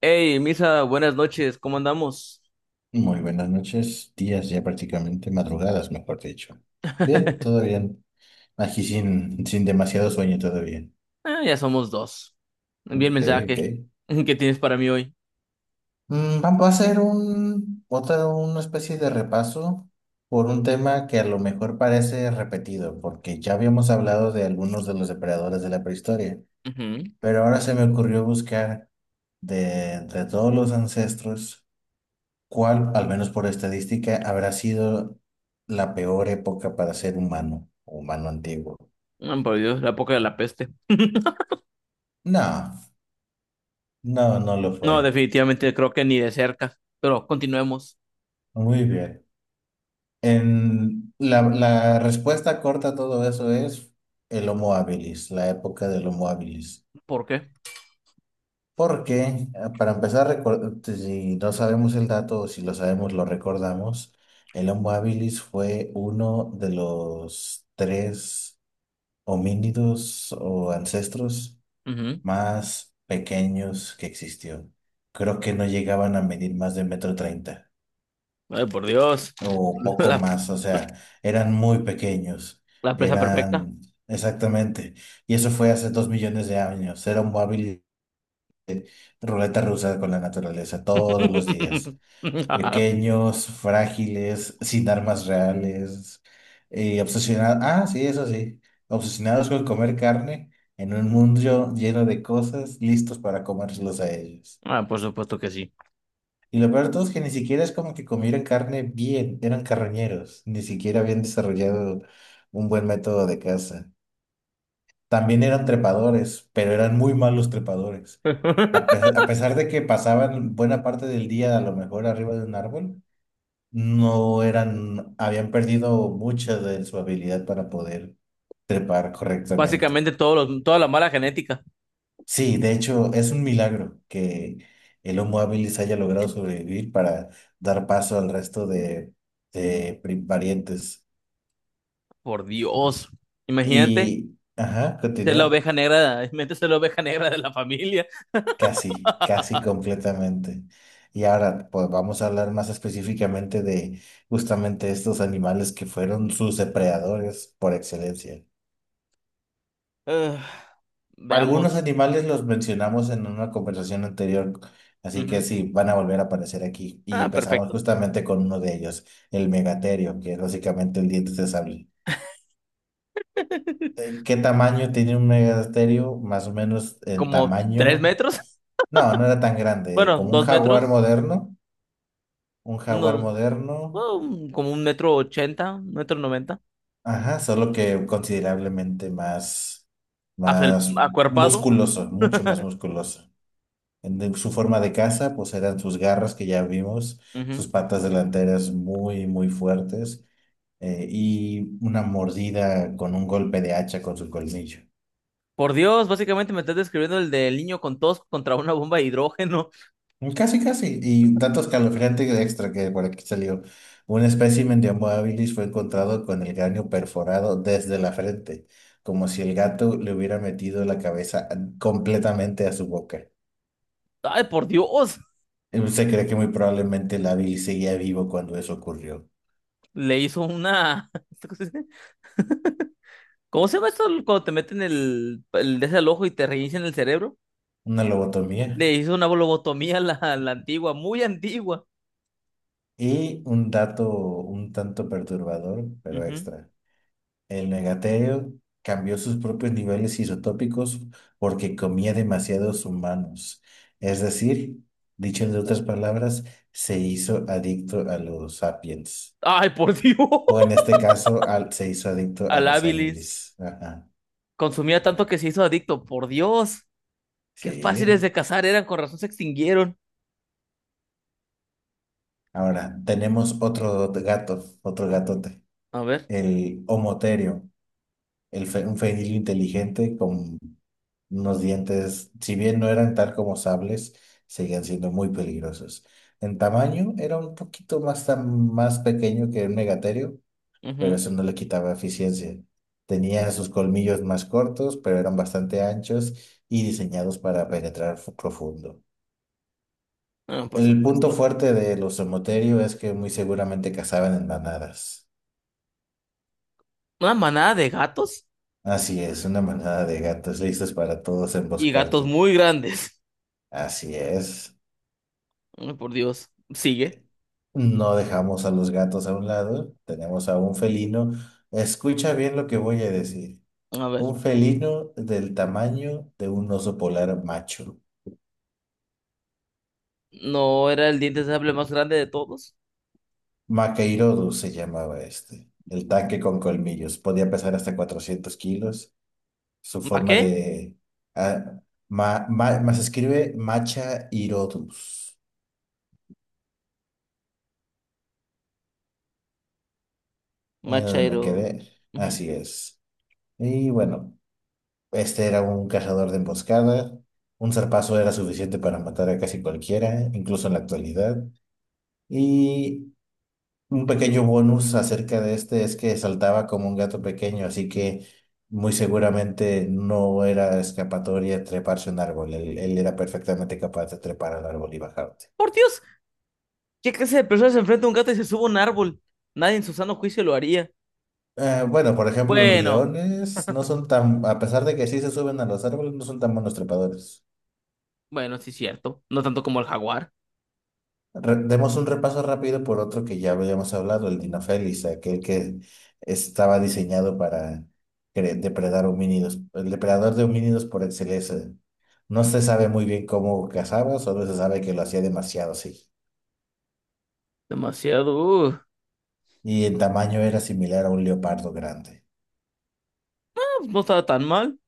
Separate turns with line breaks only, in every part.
Hey, Misa, buenas noches, ¿cómo andamos?
Muy buenas noches, días ya prácticamente, madrugadas mejor dicho. Bien, todo bien. Aquí sin demasiado sueño, todo bien.
Ah, ya somos dos. Envía el
Ok, ok.
mensaje. ¿Qué tienes para mí hoy?
Vamos a hacer una especie de repaso por un tema que a lo mejor parece repetido, porque ya habíamos hablado de algunos de los depredadores de la prehistoria,
Ujú.
pero ahora se me ocurrió buscar de todos los ancestros. ¿Cuál, al menos por estadística, habrá sido la peor época para ser humano, humano antiguo?
Ah, por Dios, la época de la peste.
No, no, no lo
No,
fue.
definitivamente creo que ni de cerca. Pero continuemos.
Muy bien. En la respuesta corta a todo eso es el Homo habilis, la época del Homo habilis.
¿Por qué?
Porque, para empezar, si no sabemos el dato o si lo sabemos, lo recordamos, el Homo habilis fue uno de los tres homínidos o ancestros
Ujú.
más pequeños que existió. Creo que no llegaban a medir más de metro treinta
Ay, por Dios.
o poco
La,
más, o sea, eran muy pequeños,
la presa perfecta.
eran exactamente. Y eso fue hace 2 millones de años. Era un móvil ruleta rusa con la naturaleza todos los días. Pequeños, frágiles, sin armas reales, y obsesionados, ah, sí, eso sí, obsesionados con comer carne en un mundo lleno de cosas listos para comérselos a ellos.
Ah, por supuesto que sí.
Y lo peor de todo es que ni siquiera es como que comieran carne bien, eran carroñeros, ni siquiera habían desarrollado un buen método de caza. También eran trepadores, pero eran muy malos trepadores. A pesar, a pesar de que pasaban buena parte del día a lo mejor arriba de un árbol, no eran, habían perdido mucha de su habilidad para poder trepar correctamente.
Básicamente toda la mala genética.
Sí, de hecho, es un milagro que el Homo habilis haya logrado sobrevivir para dar paso al resto de variantes.
Por Dios. Imagínate
Y, ajá,
ser la
continúa.
oveja negra, imagínate ser la oveja negra de la familia.
Casi, casi completamente. Y ahora, pues vamos a hablar más específicamente de justamente estos animales que fueron sus depredadores por excelencia.
Eh,
Algunos
veamos.
animales los mencionamos en una conversación anterior, así que
Ujú.
sí, van a volver a aparecer aquí. Y
Ah,
empezamos
perfecto.
justamente con uno de ellos, el megaterio, que es básicamente el diente de sable. Eh, ¿Qué tamaño tiene un megaterio? Más o menos el
Como tres
tamaño.
metros.
No, no era tan grande,
Bueno,
como un
dos
jaguar
metros.
moderno. Un jaguar
Unos,
moderno,
bueno, como un 1,80 m, un 1,90 m.
ajá, solo que considerablemente más, más
Acuerpado.
musculoso, mucho más musculoso. Su forma de caza, pues eran sus garras que ya vimos,
Ujú.
sus patas delanteras muy, muy fuertes, y una mordida con un golpe de hacha con su colmillo.
Por Dios, básicamente me estás describiendo el del niño con tos contra una bomba de hidrógeno.
Casi, casi. Y dato escalofriante extra que por aquí salió. Un espécimen de Homo habilis fue encontrado con el cráneo perforado desde la frente, como si el gato le hubiera metido la cabeza completamente a su boca.
Ay, por Dios.
Se cree que muy probablemente el habilis seguía vivo cuando eso ocurrió.
Le hizo una... ¿Cómo se llama esto cuando te meten el desde al ojo y te reinician el cerebro?
Una lobotomía.
Le hizo una lobotomía a la antigua, muy antigua.
Y un dato un tanto perturbador, pero
Ujú.
extra. El negaterio cambió sus propios niveles isotópicos porque comía demasiados humanos. Es decir, dicho de otras palabras, se hizo adicto a los sapiens.
Ay, por Dios.
O en este caso, se hizo adicto a
Al
los
Habilis.
habilis. Ajá.
Consumía tanto que se hizo adicto. Por Dios. Qué fáciles
Sí.
de cazar eran. Con razón se extinguieron.
Ahora, tenemos otro gato, otro gatote,
A ver.
el homoterio, un fenil inteligente con unos dientes, si bien no eran tal como sables, seguían siendo muy peligrosos. En tamaño era un poquito más pequeño que un megaterio, pero
Ujú,
eso no le quitaba eficiencia. Tenía sus colmillos más cortos, pero eran bastante anchos y diseñados para penetrar profundo.
ah, por
El punto
supuesto.
fuerte de los somoterio es que muy seguramente cazaban en manadas.
Una manada de gatos.
Así es, una manada de gatos listos para todos
Y gatos
emboscarte.
muy grandes.
Así es.
Ay, por Dios. Sigue.
No dejamos a los gatos a un lado, tenemos a un felino. Escucha bien lo que voy a decir.
A ver.
Un felino del tamaño de un oso polar macho.
¿No era el diente de sable más grande de todos?
Maqueirodus se llamaba este. El tanque con colmillos. Podía pesar hasta 400 kilos. Su
¿Ma
forma
qué?
de. ah, más escribe Machaeirodus. Me
Machairo.
quedé.
Ujú.
Así es. Y bueno. Este era un cazador de emboscadas. Un zarpazo era suficiente para matar a casi cualquiera, incluso en la actualidad. Y un pequeño bonus acerca de este es que saltaba como un gato pequeño, así que muy seguramente no era escapatoria treparse a un árbol. Él era perfectamente capaz de trepar al árbol y bajarte.
Por Dios. ¿Qué clase de persona se enfrenta a un gato y se sube a un árbol? Nadie en su sano juicio lo haría.
Bueno, por ejemplo, los
Bueno.
leones no son tan, a pesar de que sí se suben a los árboles, no son tan buenos trepadores.
Bueno, sí es cierto. No tanto como el jaguar.
Demos un repaso rápido por otro que ya habíamos hablado, el Dinofelis, aquel que estaba diseñado para depredar homínidos, el depredador de homínidos por excelencia. No se sabe muy bien cómo cazaba, solo se sabe que lo hacía demasiado, sí.
Demasiado.
Y en tamaño era similar a un leopardo grande.
No estaba tan mal.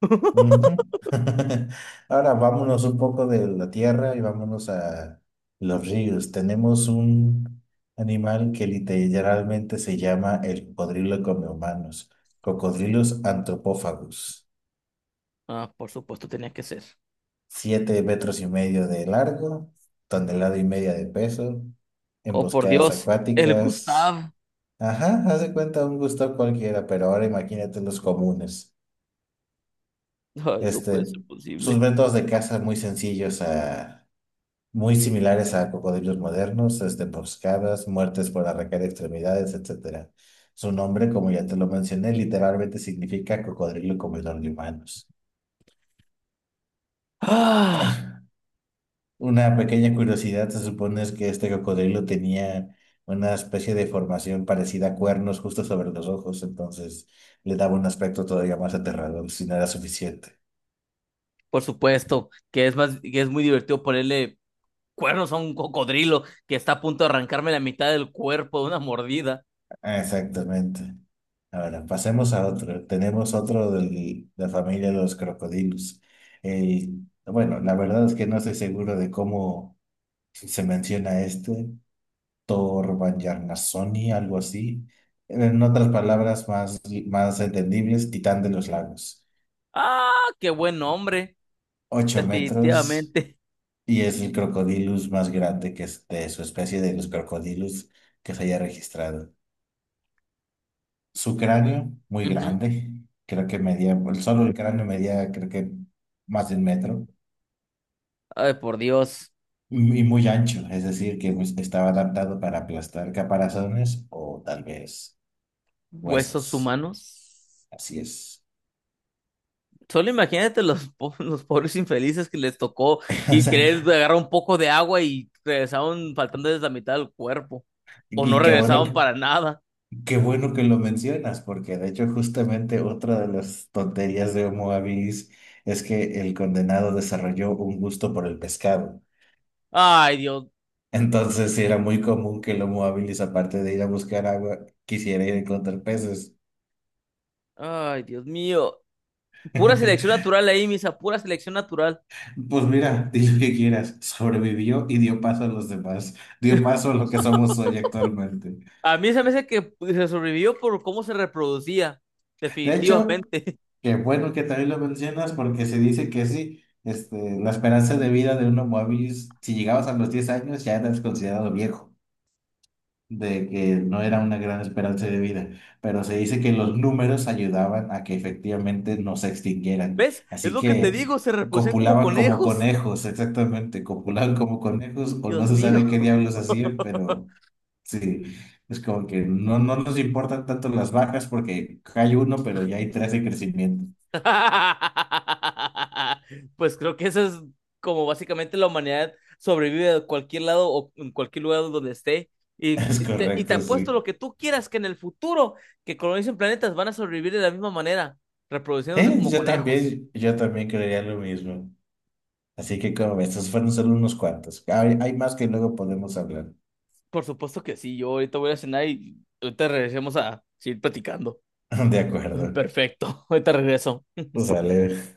Ujú. Ahora vámonos un poco de la tierra y vámonos a los ríos. Tenemos un animal que literalmente se llama el cocodrilo come humanos, cocodrilos antropófagos.
Ah, por supuesto tenía que ser.
7 metros y medio de largo, tonelada y media de peso,
Oh, por
emboscadas
Dios, el
acuáticas.
Gustav.
Ajá, haz de cuenta un gusto cualquiera, pero ahora imagínate los comunes.
Ay, no puede
Este,
ser
Sus
posible.
métodos de caza muy sencillos a muy similares a cocodrilos modernos, emboscadas, muertes por arrancar extremidades, etcétera. Su nombre, como ya te lo mencioné, literalmente significa cocodrilo comedor de humanos.
Ah,
Una pequeña curiosidad se supone es que este cocodrilo tenía una especie de formación parecida a cuernos justo sobre los ojos, entonces le daba un aspecto todavía más aterrador, si no era suficiente.
por supuesto, que es más, que es muy divertido ponerle cuernos a un cocodrilo que está a punto de arrancarme la mitad del cuerpo de una mordida.
Ah, exactamente. Ahora, pasemos a otro. Tenemos otro de la familia de los crocodilos. Bueno, la verdad es que no estoy seguro de cómo se menciona este, Torbayarnasoni, algo así. En otras palabras más entendibles, titán de los lagos.
Ah, qué buen hombre.
8 metros
Definitivamente.
y es el crocodilus más grande que es de su especie de los crocodilus que se haya registrado. Su cráneo, muy
Ujú.
grande, creo que medía, el solo el cráneo medía, creo que más de 1 metro,
Ay, por Dios,
y muy ancho, es decir, que pues, estaba adaptado para aplastar caparazones o tal vez
huesos
huesos.
humanos.
Así es.
Solo imagínate los, los pobres infelices que les tocó
O
y
sea,
querer agarrar un poco de agua y regresaron faltando desde la mitad del cuerpo. O no
y qué bueno,
regresaron para nada.
qué bueno que lo mencionas, porque de hecho justamente otra de las tonterías de Homo habilis es que el condenado desarrolló un gusto por el pescado.
Ay, Dios.
Entonces, sí era muy común que el Homo habilis, aparte de ir a buscar agua, quisiera ir a encontrar peces.
Ay, Dios mío. Pura selección natural ahí, misa. Pura selección natural.
Pues mira, di lo que quieras, sobrevivió y dio paso a los demás, dio paso a lo que somos hoy actualmente.
A mí se me hace que se sobrevivió por cómo se reproducía.
De hecho,
Definitivamente.
qué bueno que también lo mencionas porque se dice que sí, este, la esperanza de vida de un Homo habilis, si llegabas a los 10 años, ya eras considerado viejo. De que no era una gran esperanza de vida, pero se dice que los números ayudaban a que efectivamente no se extinguieran.
¿Ves? Es
Así
lo que te digo.
que
Se reproducían como
copulaban como
conejos.
conejos, exactamente, copulaban como conejos o
Dios
no se
mío.
sabe qué diablos hacían, pero sí, es como que no nos importan tanto las vacas porque hay uno, pero ya hay tres en crecimiento.
Pues creo que eso es como básicamente la humanidad sobrevive de cualquier lado o en cualquier lugar donde esté. Y,
Es
y te, y te
correcto,
apuesto
sí.
lo que tú quieras que en el futuro que colonicen planetas van a sobrevivir de la misma manera, reproduciéndose como
Yo
conejos.
también, yo también creería lo mismo. Así que como ves, estos fueron solo unos cuantos. Hay más que luego podemos hablar.
Por supuesto que sí, yo ahorita voy a cenar y ahorita regresemos a seguir platicando.
De acuerdo.
Perfecto, ahorita regreso.
Sale.